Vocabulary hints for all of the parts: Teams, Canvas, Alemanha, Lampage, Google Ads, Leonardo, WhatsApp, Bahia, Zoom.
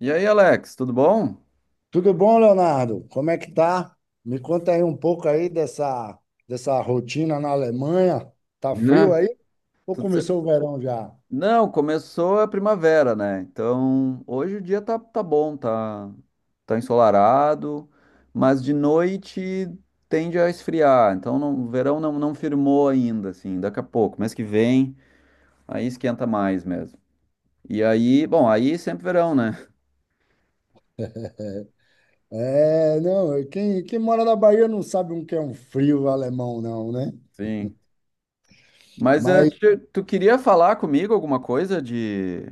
E aí, Alex, tudo bom? Tudo bom, Leonardo? Como é que tá? Me conta aí um pouco aí dessa rotina na Alemanha. Tá frio Né? aí? Ou Tudo ce- começou o verão já? Não, começou a primavera, né? Então, hoje o dia tá bom, tá ensolarado, mas de noite tende a esfriar. Então, o verão não firmou ainda, assim, daqui a pouco, mês que vem, aí esquenta mais mesmo. E aí, bom, aí sempre verão, né? É, não, é, quem mora na Bahia não sabe o que é um frio alemão, não, né? Sim. Mas Mas, tu queria falar comigo alguma coisa de...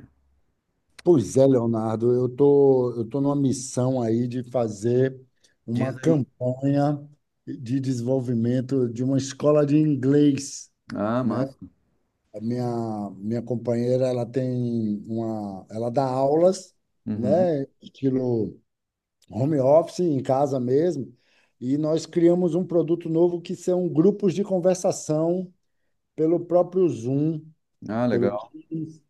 pois é, Leonardo, eu tô numa missão aí de fazer uma Diz aí. campanha de desenvolvimento de uma escola de inglês, Ah, né? massa. A minha companheira, ela dá aulas, Uhum. né, estilo home office, em casa mesmo, e nós criamos um produto novo que são grupos de conversação pelo próprio Zoom, Ah, pelo legal. Teams,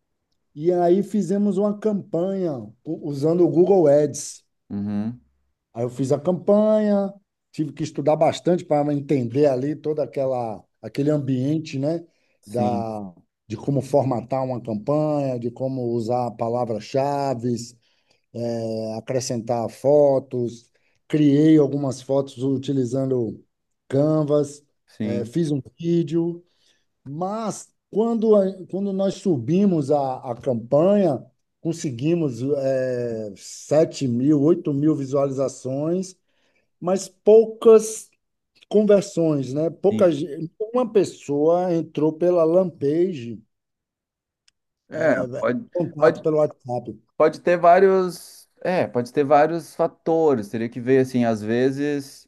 e aí fizemos uma campanha usando o Google Ads. Uhum. Aí eu fiz a campanha, tive que estudar bastante para entender ali toda aquela aquele ambiente, né, Sim, da de como formatar uma campanha, de como usar palavras-chave, acrescentar fotos. Criei algumas fotos utilizando Canvas, sim. fiz um vídeo, mas quando nós subimos a campanha, conseguimos 7 mil, 8 mil visualizações, mas poucas conversões, né? Sim. Uma pessoa entrou pela Lampage, É, é, contato pode, pelo WhatsApp. pode ter vários, pode ter vários fatores. Teria que ver assim, às vezes,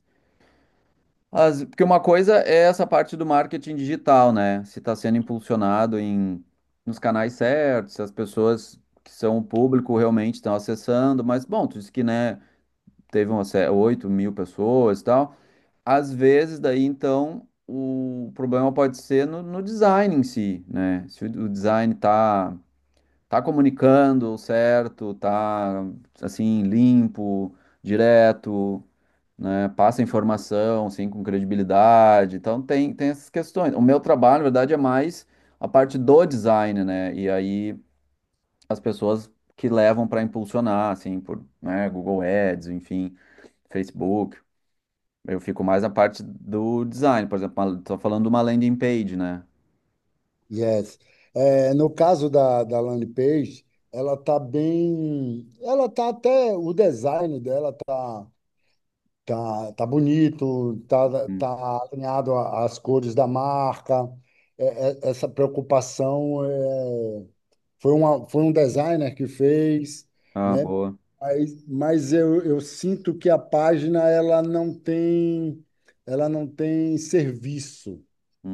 as, porque uma coisa é essa parte do marketing digital, né? Se está sendo impulsionado nos canais certos, se as pessoas que são o público realmente estão acessando, mas bom, tu disse que, né, teve umas 8.000 pessoas e tal. Às vezes, daí então, o problema pode ser no, no design em si, né? Se o design tá comunicando certo, tá assim, limpo, direto, né? Passa informação assim com credibilidade. Então tem, tem essas questões. O meu trabalho, na verdade, é mais a parte do design, né? E aí as pessoas que levam para impulsionar, assim, por, né, Google Ads, enfim, Facebook. Eu fico mais na parte do design, por exemplo, tô falando de uma landing page, né? Yes. É, no caso da landing page, ela tá até, o design dela tá bonito, tá, Hum. tá alinhado às cores da marca. É, é, essa preocupação é. Foi um designer que fez, Ah, né? boa. Mas eu sinto que a página ela não tem serviço.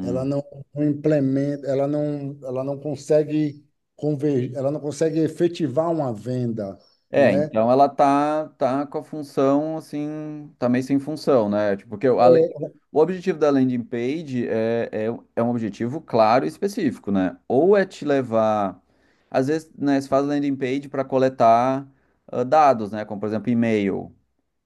Ela não não implementa, ela não consegue efetivar uma venda, É, né? então ela tá, tá com a função, assim, tá meio sem função, né? Tipo, porque É. o objetivo da landing page é, é um objetivo claro e específico, né? Ou é te levar, às vezes, né, você faz landing page para coletar ah, dados, né? Como, por exemplo, e-mail.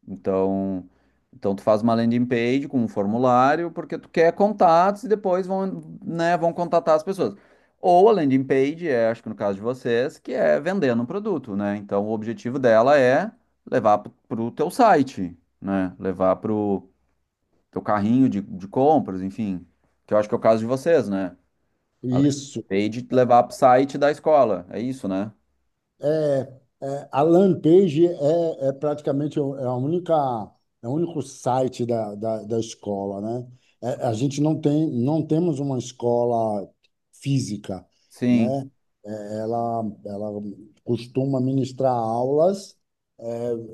Então, então tu faz uma landing page com um formulário, porque tu quer contatos e depois vão, né, vão contatar as pessoas. Ou a landing page é, acho que no caso de vocês, que é vendendo um produto, né? Então o objetivo dela é levar pro teu site, né? Levar pro teu carrinho de compras, enfim. Que eu acho que é o caso de vocês, né? A landing Isso. page levar pro site da escola, é isso, né? É, a Lampage é, é praticamente é o único site da escola, né? É, a gente não temos uma escola física, Sim. né? É, ela costuma ministrar aulas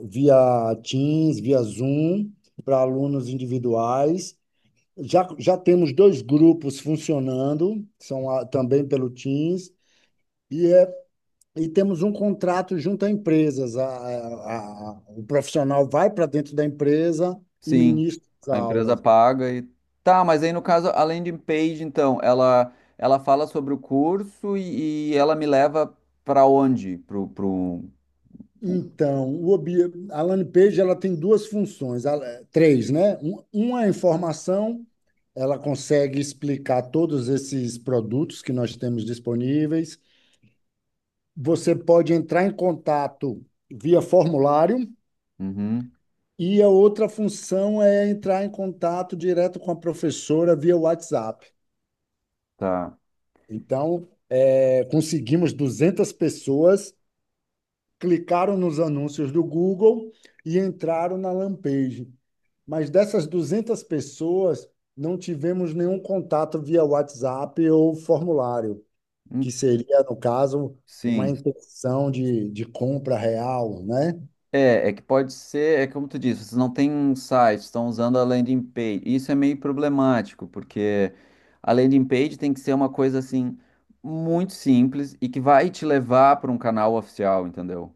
via Teams, via Zoom, para alunos individuais. Já temos dois grupos funcionando, são também pelo Teams, e e temos um contrato junto a empresas. O profissional vai para dentro da empresa e Sim, ministra as a empresa aulas. paga e tá, mas aí no caso a landing page, então, ela fala sobre o curso e ela me leva pra onde? Pro, pro... Então, a landing page ela tem duas funções, três, né? Uma é informação, ela consegue explicar todos esses produtos que nós temos disponíveis. Você pode entrar em contato via formulário. Uhum, E a outra função é entrar em contato direto com a professora via WhatsApp. tá. Então, é, conseguimos 200 pessoas, clicaram nos anúncios do Google e entraram na Lampage. Mas dessas 200 pessoas, não tivemos nenhum contato via WhatsApp ou formulário, que Hum, seria, no caso, uma Sim. intenção de compra real, né? É, é que pode ser, é como tu disse, vocês não têm um site, estão usando a landing page. Isso é meio problemático, porque a landing page tem que ser uma coisa assim muito simples e que vai te levar para um canal oficial, entendeu?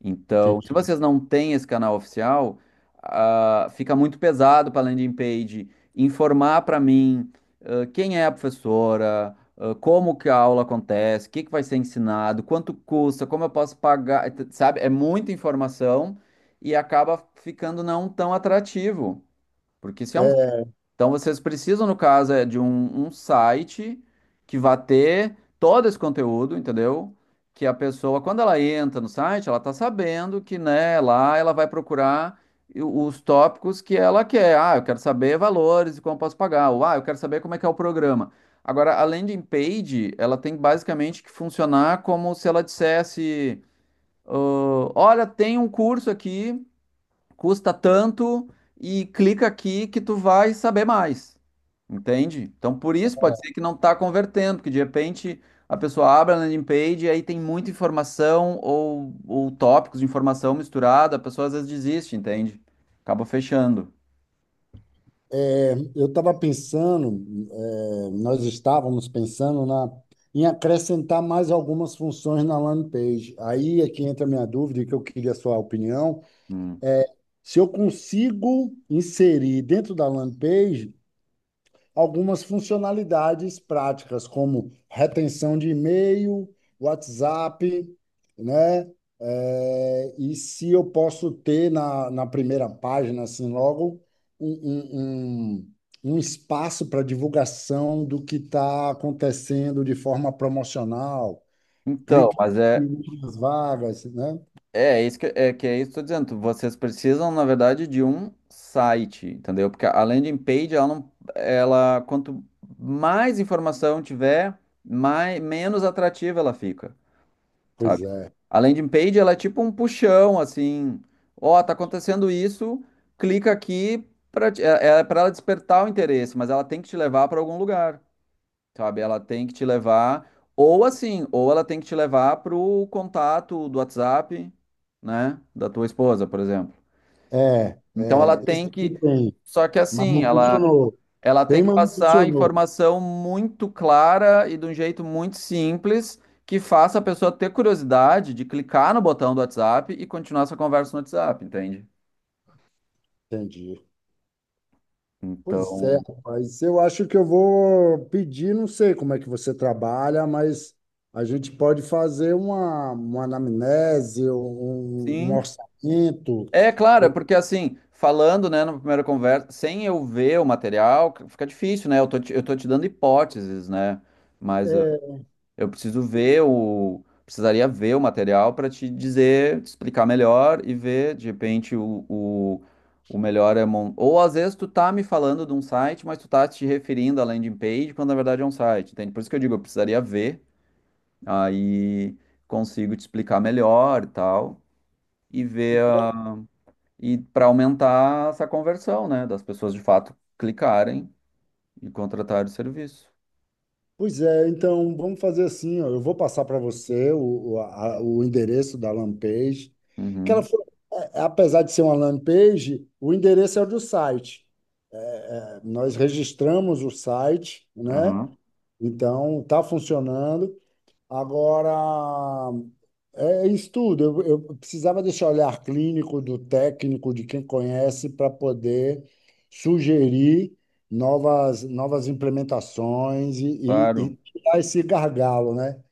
Então, se Entendi. vocês não têm esse canal oficial, ah, fica muito pesado para a landing page informar para mim, ah, quem é a professora, ah, como que a aula acontece, o que que vai ser ensinado, quanto custa, como eu posso pagar, sabe? É muita informação e acaba ficando não tão atrativo, porque se é um É, então vocês precisam, no caso, é de um site que vá ter todo esse conteúdo, entendeu? Que a pessoa, quando ela entra no site, ela tá sabendo que, né, lá ela vai procurar os tópicos que ela quer. Ah, eu quero saber valores e como eu posso pagar. Ou, ah, eu quero saber como é que é o programa. Agora, a landing page, ela tem basicamente que funcionar como se ela dissesse, ah, olha, tem um curso aqui custa tanto e clica aqui que tu vai saber mais. Entende? Então, por isso pode ser que não está convertendo, que de repente a pessoa abre a landing page e aí tem muita informação ou tópicos de informação misturada, a pessoa às vezes desiste, entende? Acaba fechando. É, nós estávamos pensando em acrescentar mais algumas funções na landing page. Aí é que entra a minha dúvida e que eu queria a sua opinião. Hum. Se eu consigo inserir dentro da landing page algumas funcionalidades práticas, como retenção de e-mail, WhatsApp, né? É, e se eu posso ter na primeira página, assim, logo, um, um, um, um espaço para divulgação do que está acontecendo de forma promocional. Então, Clique mas é, aqui nas vagas, né? É, é isso que é isso que eu tô dizendo. Vocês precisam, na verdade, de um site, entendeu? Porque a landing page, ela não, ela, quanto mais informação tiver, menos atrativa ela fica, sabe? Pois é. A landing page, ela é tipo um puxão, assim, ó, tá acontecendo isso, clica aqui para é, é para ela despertar o interesse, mas ela tem que te levar para algum lugar. Sabe? Ela tem que te levar, ou assim, ou ela tem que te levar pro contato do WhatsApp, né? Da tua esposa, por exemplo. É, Então é, ela tem isso que que. tem, Só que mas assim, não funcionou. ela tem Tem, que mas não passar a funcionou. informação muito clara e de um jeito muito simples que faça a pessoa ter curiosidade de clicar no botão do WhatsApp e continuar essa conversa no WhatsApp, entende? Entendi. Pois é, Então, rapaz. Eu acho que eu vou pedir, não sei como é que você trabalha, mas a gente pode fazer uma anamnese, um sim, orçamento. É, claro, é Eu- porque assim, falando, né, na primeira conversa, sem eu ver o material, fica difícil, né? Eu tô te dando hipóteses, né? Mas é, eu preciso ver o. Precisaria ver o material para te dizer, te explicar melhor e ver, de repente, o melhor é. Ou às vezes tu tá me falando de um site, mas tu tá te referindo à landing page, quando na verdade é um site, entende? Por isso que eu digo, eu precisaria ver, aí consigo te explicar melhor e tal, e ver e para aumentar essa conversão, né, das pessoas de fato clicarem e contratarem o serviço. Pois é, então vamos fazer assim, ó, eu vou passar para você o endereço da Lampage, que Uhum, ela foi, apesar de ser uma Lampage, o endereço é o do site. É, nós registramos o site, né? aham, Então, está funcionando. Agora, é isso tudo. Eu precisava desse olhar clínico do técnico, de quem conhece, para poder sugerir novas implementações e, e, claro. e tirar esse gargalo, né?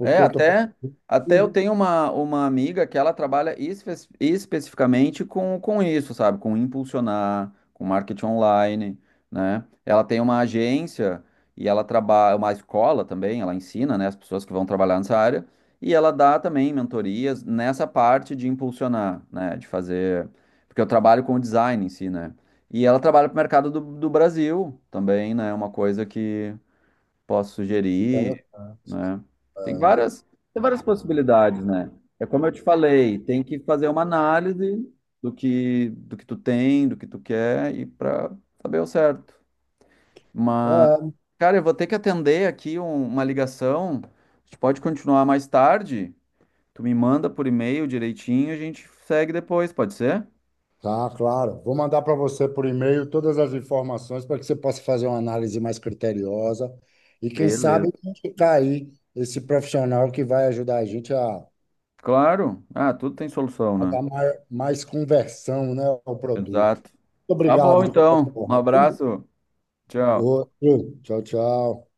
É, eu estou. Até eu tenho uma amiga que ela trabalha especificamente com isso, sabe? Com impulsionar, com marketing online, né? Ela tem uma agência e ela trabalha, uma escola também, ela ensina, né, as pessoas que vão trabalhar nessa área, e ela dá também mentorias nessa parte de impulsionar, né? De fazer. Porque eu trabalho com o design em si, né? E ela trabalha para o mercado do, do Brasil também, né? Uma coisa que posso sugerir, né? Tem várias, tem várias possibilidades, né? É como eu te falei, tem que fazer uma análise do que tu tem, do que tu quer e para saber o certo. Mas, É, cara, eu vou ter que atender aqui uma ligação. A gente pode continuar mais tarde. Tu me manda por e-mail direitinho, e a gente segue depois, pode ser? tá, claro. Vou mandar para você por e-mail todas as informações para que você possa fazer uma análise mais criteriosa e, quem Beleza. sabe, indicar aí esse profissional que vai ajudar a gente a Claro. Ah, tudo tem solução, a né? dar mais conversão, né, ao produto. Exato. Muito Tá obrigado bom, de qualquer então. Um forma. Um, abraço. Tchau. outro. Tchau, tchau.